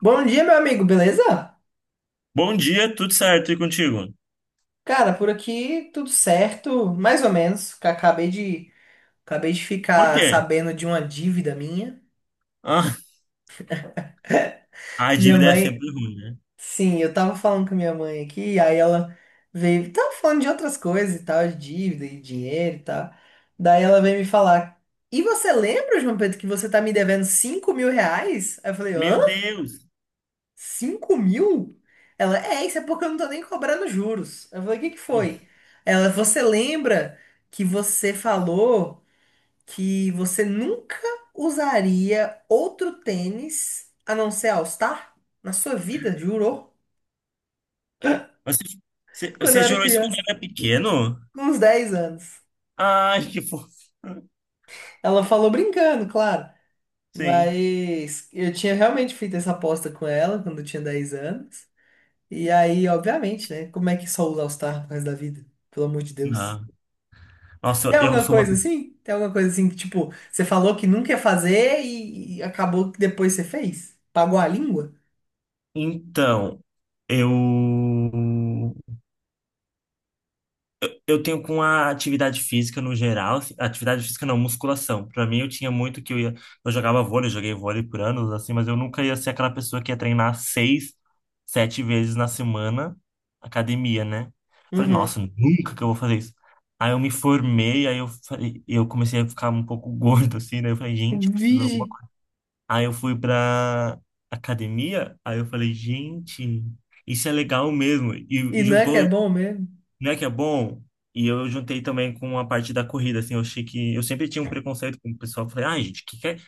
Bom dia, meu amigo, beleza? Bom dia, tudo certo e contigo? Cara, por aqui tudo certo, mais ou menos. Acabei de Por ficar quê? sabendo de uma dívida minha. Ah, a Minha dívida é mãe, sempre ruim, né? sim, eu tava falando com minha mãe aqui, aí ela veio, tava falando de outras coisas e tal, de dívida e dinheiro e tal. Daí ela veio me falar: "E você lembra, João Pedro, que você tá me devendo 5.000 reais?" Aí eu falei: Meu "Hã? Deus! 5.000?" Isso é porque eu não tô nem cobrando juros. Eu falei: "O que que foi?" Você lembra que você falou que você nunca usaria outro tênis a não ser All Star na sua vida, jurou? Você, você, Quando eu você era jurou isso quando criança, era pequeno? com uns 10 anos. Ai, que fofo. Ela falou brincando, claro. Sim. Mas eu tinha realmente feito essa aposta com ela quando eu tinha 10 anos. E aí, obviamente, né? Como é que só usa All Star pro resto da vida? Pelo amor de Deus. Ah, nossa, Tem eu alguma sou uma. coisa assim? Tem alguma coisa assim que, tipo, você falou que nunca ia fazer e acabou que depois você fez? Pagou a língua? Então, eu. Eu tenho com a atividade física no geral, assim, atividade física não, musculação. Pra mim eu tinha muito que eu jogava vôlei, joguei vôlei por anos assim, mas eu nunca ia ser aquela pessoa que ia treinar seis, sete vezes na semana academia, né? Falei, Uhum. nossa, nunca que eu vou fazer isso. Aí eu me formei, eu comecei a ficar um pouco gordo assim, daí eu falei, gente, eu preciso de alguma Vige. coisa. Aí eu fui pra academia, aí eu falei, gente, isso é legal mesmo. E, E e não é que é juntou bom mesmo? não é que é bom? E eu juntei também com a parte da corrida, assim, eu achei que... Eu sempre tinha um preconceito com o pessoal, eu falei, ai, gente, que quer,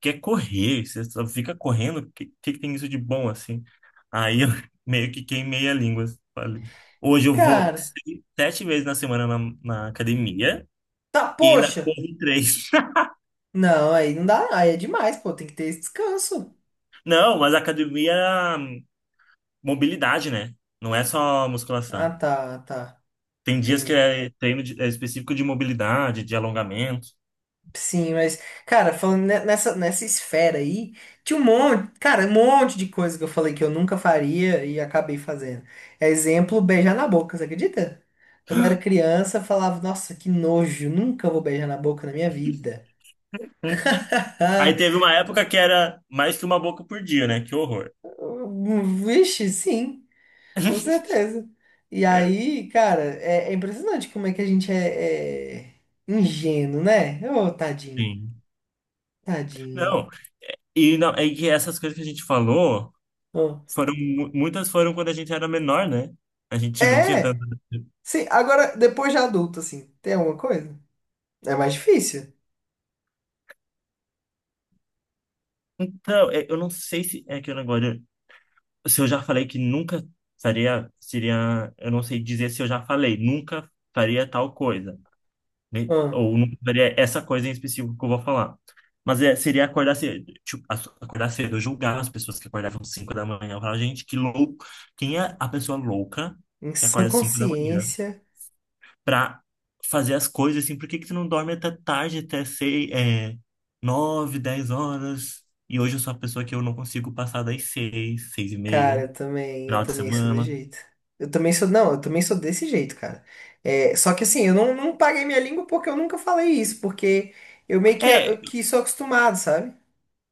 quer correr? Você só fica correndo? Que tem isso de bom, assim? Aí eu meio que queimei a língua, falei. Hoje eu vou Cara, sete vezes na semana na, academia tá, e ainda poxa. corro três. Não, aí não dá, aí é demais, pô, tem que ter esse descanso. Não, mas a academia é mobilidade, né? Não é só Ah, musculação. tá, tá. Tem dias que Entendi. é treino é específico de mobilidade, de alongamento. Sim, mas, cara, falando nessa esfera aí, tinha um monte, cara, um monte de coisa que eu falei que eu nunca faria e acabei fazendo. É, exemplo, beijar na boca, você acredita? Quando eu era criança, eu falava: "Nossa, que nojo, nunca vou beijar na boca na minha vida." Hum. Aí teve uma época que era mais que uma boca por dia, né? Que horror. Vixe, sim, com certeza. E É, aí, cara, é é impressionante como é que a gente é ingênuo, né? Ô, tadinho, sim. tadinho. Não, e não, é que essas coisas que a gente falou Ô. foram muitas foram quando a gente era menor, né? A gente não tinha tanto. É! Sim, agora, depois de adulto, assim, tem alguma coisa? É mais difícil. Então, é, eu não sei se é que eu agora se eu já falei que nunca faria seria, eu não sei dizer se eu já falei, nunca faria tal coisa, né? Ah, Ou não faria essa coisa em específico que eu vou falar. Mas é, seria acordar cedo, tipo, acordar cedo, julgar as pessoas que acordavam 5 da manhã, falar, gente, que louco, quem é a pessoa louca em que sã acorda 5 da manhã consciência, pra fazer as coisas assim, por que que tu não dorme até tarde, até sei, é, 9 10 horas? E hoje eu sou a pessoa que eu não consigo passar das seis seis e cara, meia, eu final de também sou desse semana. jeito. Eu também sou, não, eu também sou desse jeito, cara. É, só que assim, eu não paguei minha língua porque eu nunca falei isso, porque eu meio que, É, eu que sou acostumado, sabe?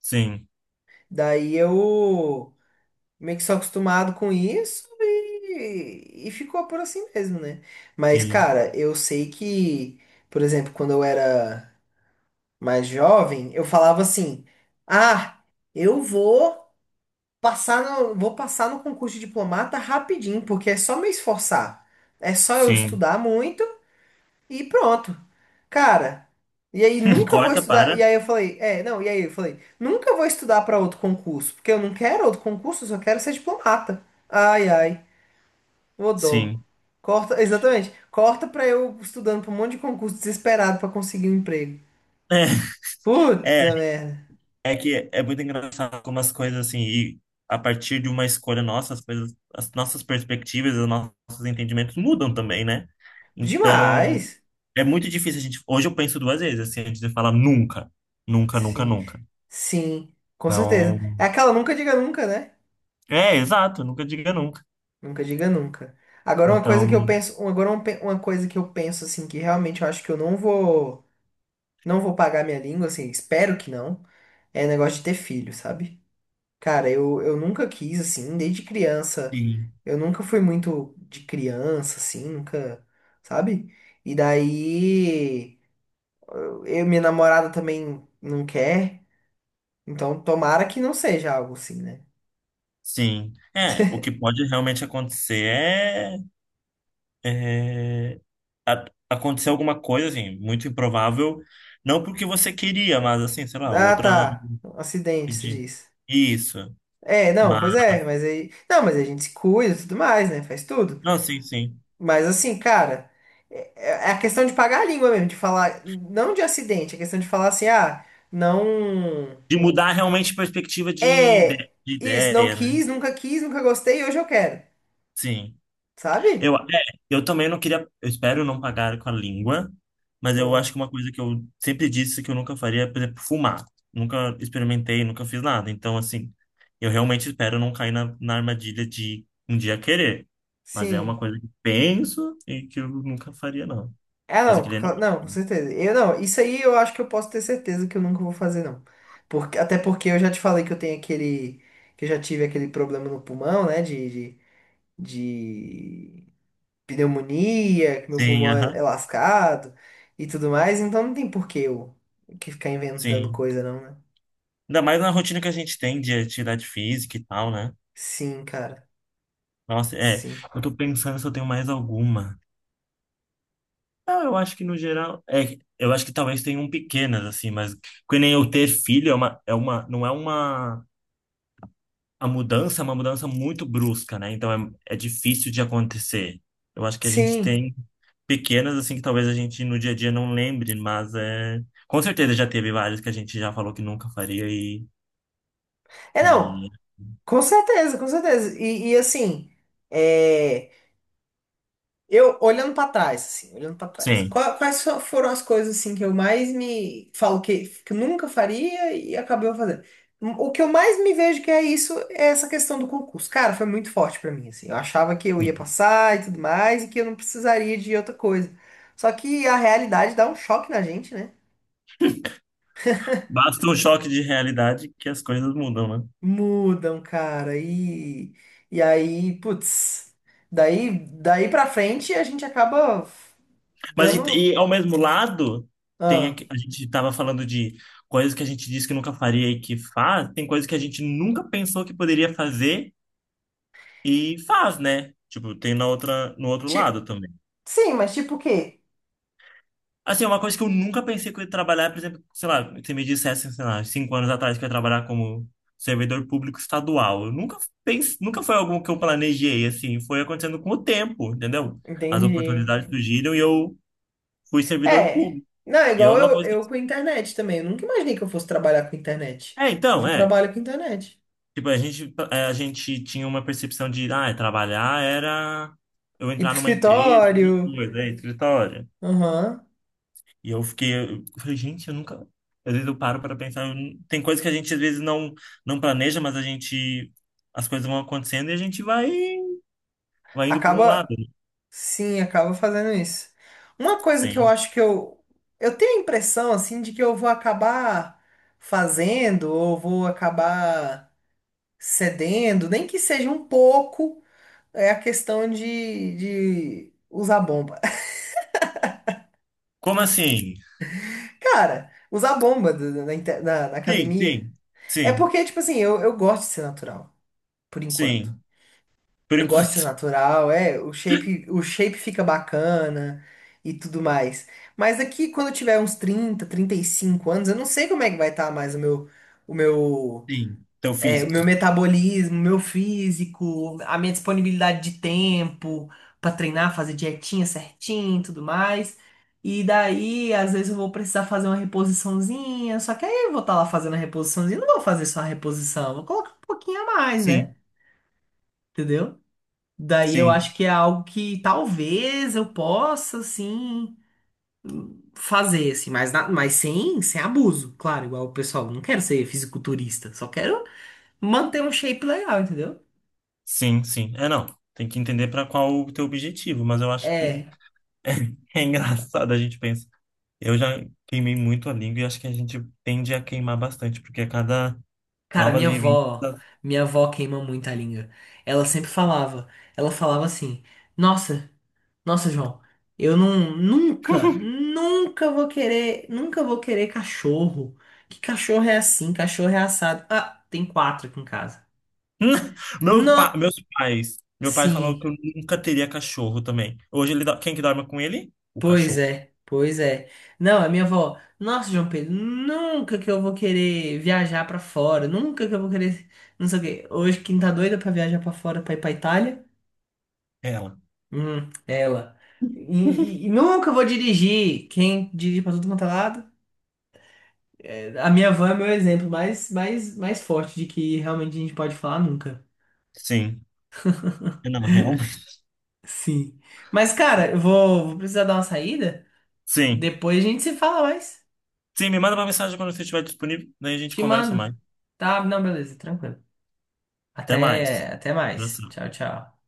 sim, Daí eu meio que sou acostumado com isso e ficou por assim mesmo, né? Mas, sim, cara, eu sei que, por exemplo, quando eu era mais jovem, eu falava assim: "Ah, eu vou passar no concurso de diplomata rapidinho, porque é só me esforçar. É só eu sim. estudar muito e pronto." Cara, e aí nunca vou Corta estudar, e para, aí eu falei: "É, não", e aí eu falei: "Nunca vou estudar para outro concurso, porque eu não quero outro concurso, eu só quero ser diplomata." Ai, ai, ô dó. sim. Corta, exatamente. Corta pra eu estudando pra um monte de concurso desesperado pra conseguir um emprego. É. É, Puta merda. É que é muito engraçado como as coisas assim, e a partir de uma escolha nossa, as coisas, as nossas perspectivas, os nossos entendimentos mudam também, né? Então, Demais. é muito difícil a gente. Hoje eu penso duas vezes, assim, antes de falar nunca, nunca, nunca, Sim, nunca. sim, com Então, certeza. É aquela "nunca diga nunca", né? é, exato, nunca diga nunca. Nunca diga nunca. Agora uma coisa que eu Então, penso, uma coisa que eu penso assim que realmente eu acho que eu não vou pagar minha língua assim, espero que não, é negócio de ter filho, sabe? Cara, eu nunca quis assim, desde criança. sim, Eu nunca fui muito de criança assim, nunca, sabe? E daí minha namorada também não quer, então tomara que não seja algo assim, né? sim. É, o que pode realmente acontecer é a- acontecer alguma coisa, assim, muito improvável, não porque você queria, mas assim, sei lá, Ah, outra. tá. Acidente, se Entendi. diz. Isso. É, não, Mas, pois é, mas aí. Não, mas a gente se cuida e tudo mais, né? Faz tudo. não, sim, sim. Mas assim, cara, é, é a questão de pagar a língua mesmo, de falar. Não de acidente, é questão de falar assim, ah, não. De mudar realmente a perspectiva É, de isso, não ideia, né? quis, nunca quis, nunca gostei, hoje eu quero, Sim. Eu, sabe? é, eu também não queria. Eu espero não pagar com a língua, mas eu acho Hum, que uma coisa que eu sempre disse que eu nunca faria é, por exemplo, fumar. Nunca experimentei, nunca fiz nada. Então, assim, eu realmente espero não cair na, armadilha de um dia querer. Mas é uma sim. coisa que penso e que eu nunca faria, não. Ah, Mas não, aquele cla- animal. não, com certeza. Eu não, isso aí eu acho que eu posso ter certeza que eu nunca vou fazer, não. Porque, até porque eu já te falei que eu tenho aquele, que eu já tive aquele problema no pulmão, né, de pneumonia, que meu Sim, pulmão é aham. lascado e tudo mais, então não tem por que eu que ficar inventando Sim. coisa, não, né? Ainda mais na rotina que a gente tem de atividade física e tal, né? Sim, cara, Nossa, é. sim. Eu tô pensando se eu tenho mais alguma. Não, eu acho que no geral. É, eu acho que talvez tenham pequenas, assim, mas que nem eu ter filho é uma, não é uma. A mudança é uma mudança muito brusca, né? Então é difícil de acontecer. Eu acho que a gente Sim. tem pequenas, assim, que talvez a gente no dia a dia não lembre, mas é. Com certeza já teve várias que a gente já falou que nunca faria e. É, não, e... com certeza, com certeza. E assim, é. Eu, olhando pra trás, assim, olhando pra trás, Sim. Foram as coisas, assim, que eu mais me falo que eu nunca faria e acabei fazendo? O que eu mais me vejo que é isso, é essa questão do concurso. Cara, foi muito forte pra mim, assim. Eu achava que eu ia passar e tudo mais e que eu não precisaria de outra coisa. Só que a realidade dá um choque na gente, né? Basta um choque de realidade que as coisas mudam, né? Mudam, cara, e aí, putz, daí, daí pra frente a gente acaba Mas dando. Ao mesmo lado, tem Ah. a gente estava falando de coisas que a gente disse que nunca faria e que faz, tem coisas que a gente nunca pensou que poderia fazer e faz, né? Tipo, tem no outro lado também. Sim, mas tipo o quê? Assim, é uma coisa que eu nunca pensei que eu ia trabalhar, por exemplo, sei lá, se me dissesse, sei lá, 5 anos atrás que eu ia trabalhar como servidor público estadual. Eu nunca nunca foi algo que eu planejei, assim, foi acontecendo com o tempo, entendeu? As Entendi. oportunidades surgiram e eu fui servidor É. público. Não, é E é igual uma eu, coisa que... eu com internet também. Eu nunca imaginei que eu fosse trabalhar com internet. É, Hoje então, eu é. trabalho com internet. Tipo, a gente tinha uma percepção de, ah, trabalhar era eu Ir entrar pro numa empresa, alguma escritório. coisa, é, escritório. Aham. E eu fiquei, eu falei, gente, eu nunca... Às vezes eu paro para pensar, eu não- tem coisas que a gente às vezes não, planeja, mas a gente... As coisas vão acontecendo e a gente vai indo para um lado, Acaba, né? sim, acaba fazendo isso. Uma coisa que eu Sim. acho que eu. Eu tenho a impressão, assim, de que eu vou acabar fazendo, ou vou acabar cedendo, nem que seja um pouco, é a questão de usar bomba. Como assim? Cara, usar bomba na Sim, academia. sim, É sim, porque, tipo assim, eu gosto de ser natural, por enquanto. sim. Por Eu gosto enquanto, de ser natural, é, o shape fica bacana e tudo mais. Mas aqui, quando eu tiver uns 30, 35 anos, eu não sei como é que vai estar mais o meu sim. Então, é, o físico. meu metabolismo, meu físico, a minha disponibilidade de tempo pra treinar, fazer dietinha certinho, e tudo mais. E daí, às vezes eu vou precisar fazer uma reposiçãozinha, só que aí eu vou estar lá fazendo a reposiçãozinha, não vou fazer só a reposição, vou colocar um pouquinho a mais, né? Sim, Entendeu? Daí eu sim. acho que é algo que talvez eu possa, assim, fazer, assim, mas, sem abuso, claro, igual o pessoal, não quero ser fisiculturista, só quero manter um shape legal, entendeu? Sim, sim. É, não. Tem que entender para qual o teu objetivo, mas eu acho É. que é engraçado a gente pensa. Eu já queimei muito a língua e acho que a gente tende a queimar bastante, porque a cada Cara, novas minha vivências. avó, minha avó queima muito a língua. Ela sempre falava, ela falava assim: "Nossa, nossa, João, eu não, nunca vou querer, nunca vou querer cachorro. Que cachorro é assim? Cachorro é assado." Ah, tem quatro aqui em casa. Não, Meus pais. Meu pai falou que eu sim. nunca teria cachorro também. Hoje quem que dorme com ele? O Pois cachorro. é, pois é. Não, a minha avó: "Nossa, João Pedro, nunca que eu vou querer viajar pra fora, nunca que eu vou querer, não sei o quê." Hoje quem tá doida pra viajar pra fora, pra ir pra Itália, É ela. hum, ela. E, e nunca vou dirigir. Quem dirige pra tudo quanto é lado? É, a minha van é meu exemplo mais, mais, mais forte de que realmente a gente pode falar nunca. Sim. É, não, realmente. Sim. Mas, cara, eu vou precisar dar uma saída. Sim. Depois a gente se fala mais. Sim, me manda uma mensagem quando você estiver disponível, daí a gente Te conversa mais. mando. Tá? Não, beleza, tranquilo. Até Até, mais. até mais. Abração. Tchau, tchau.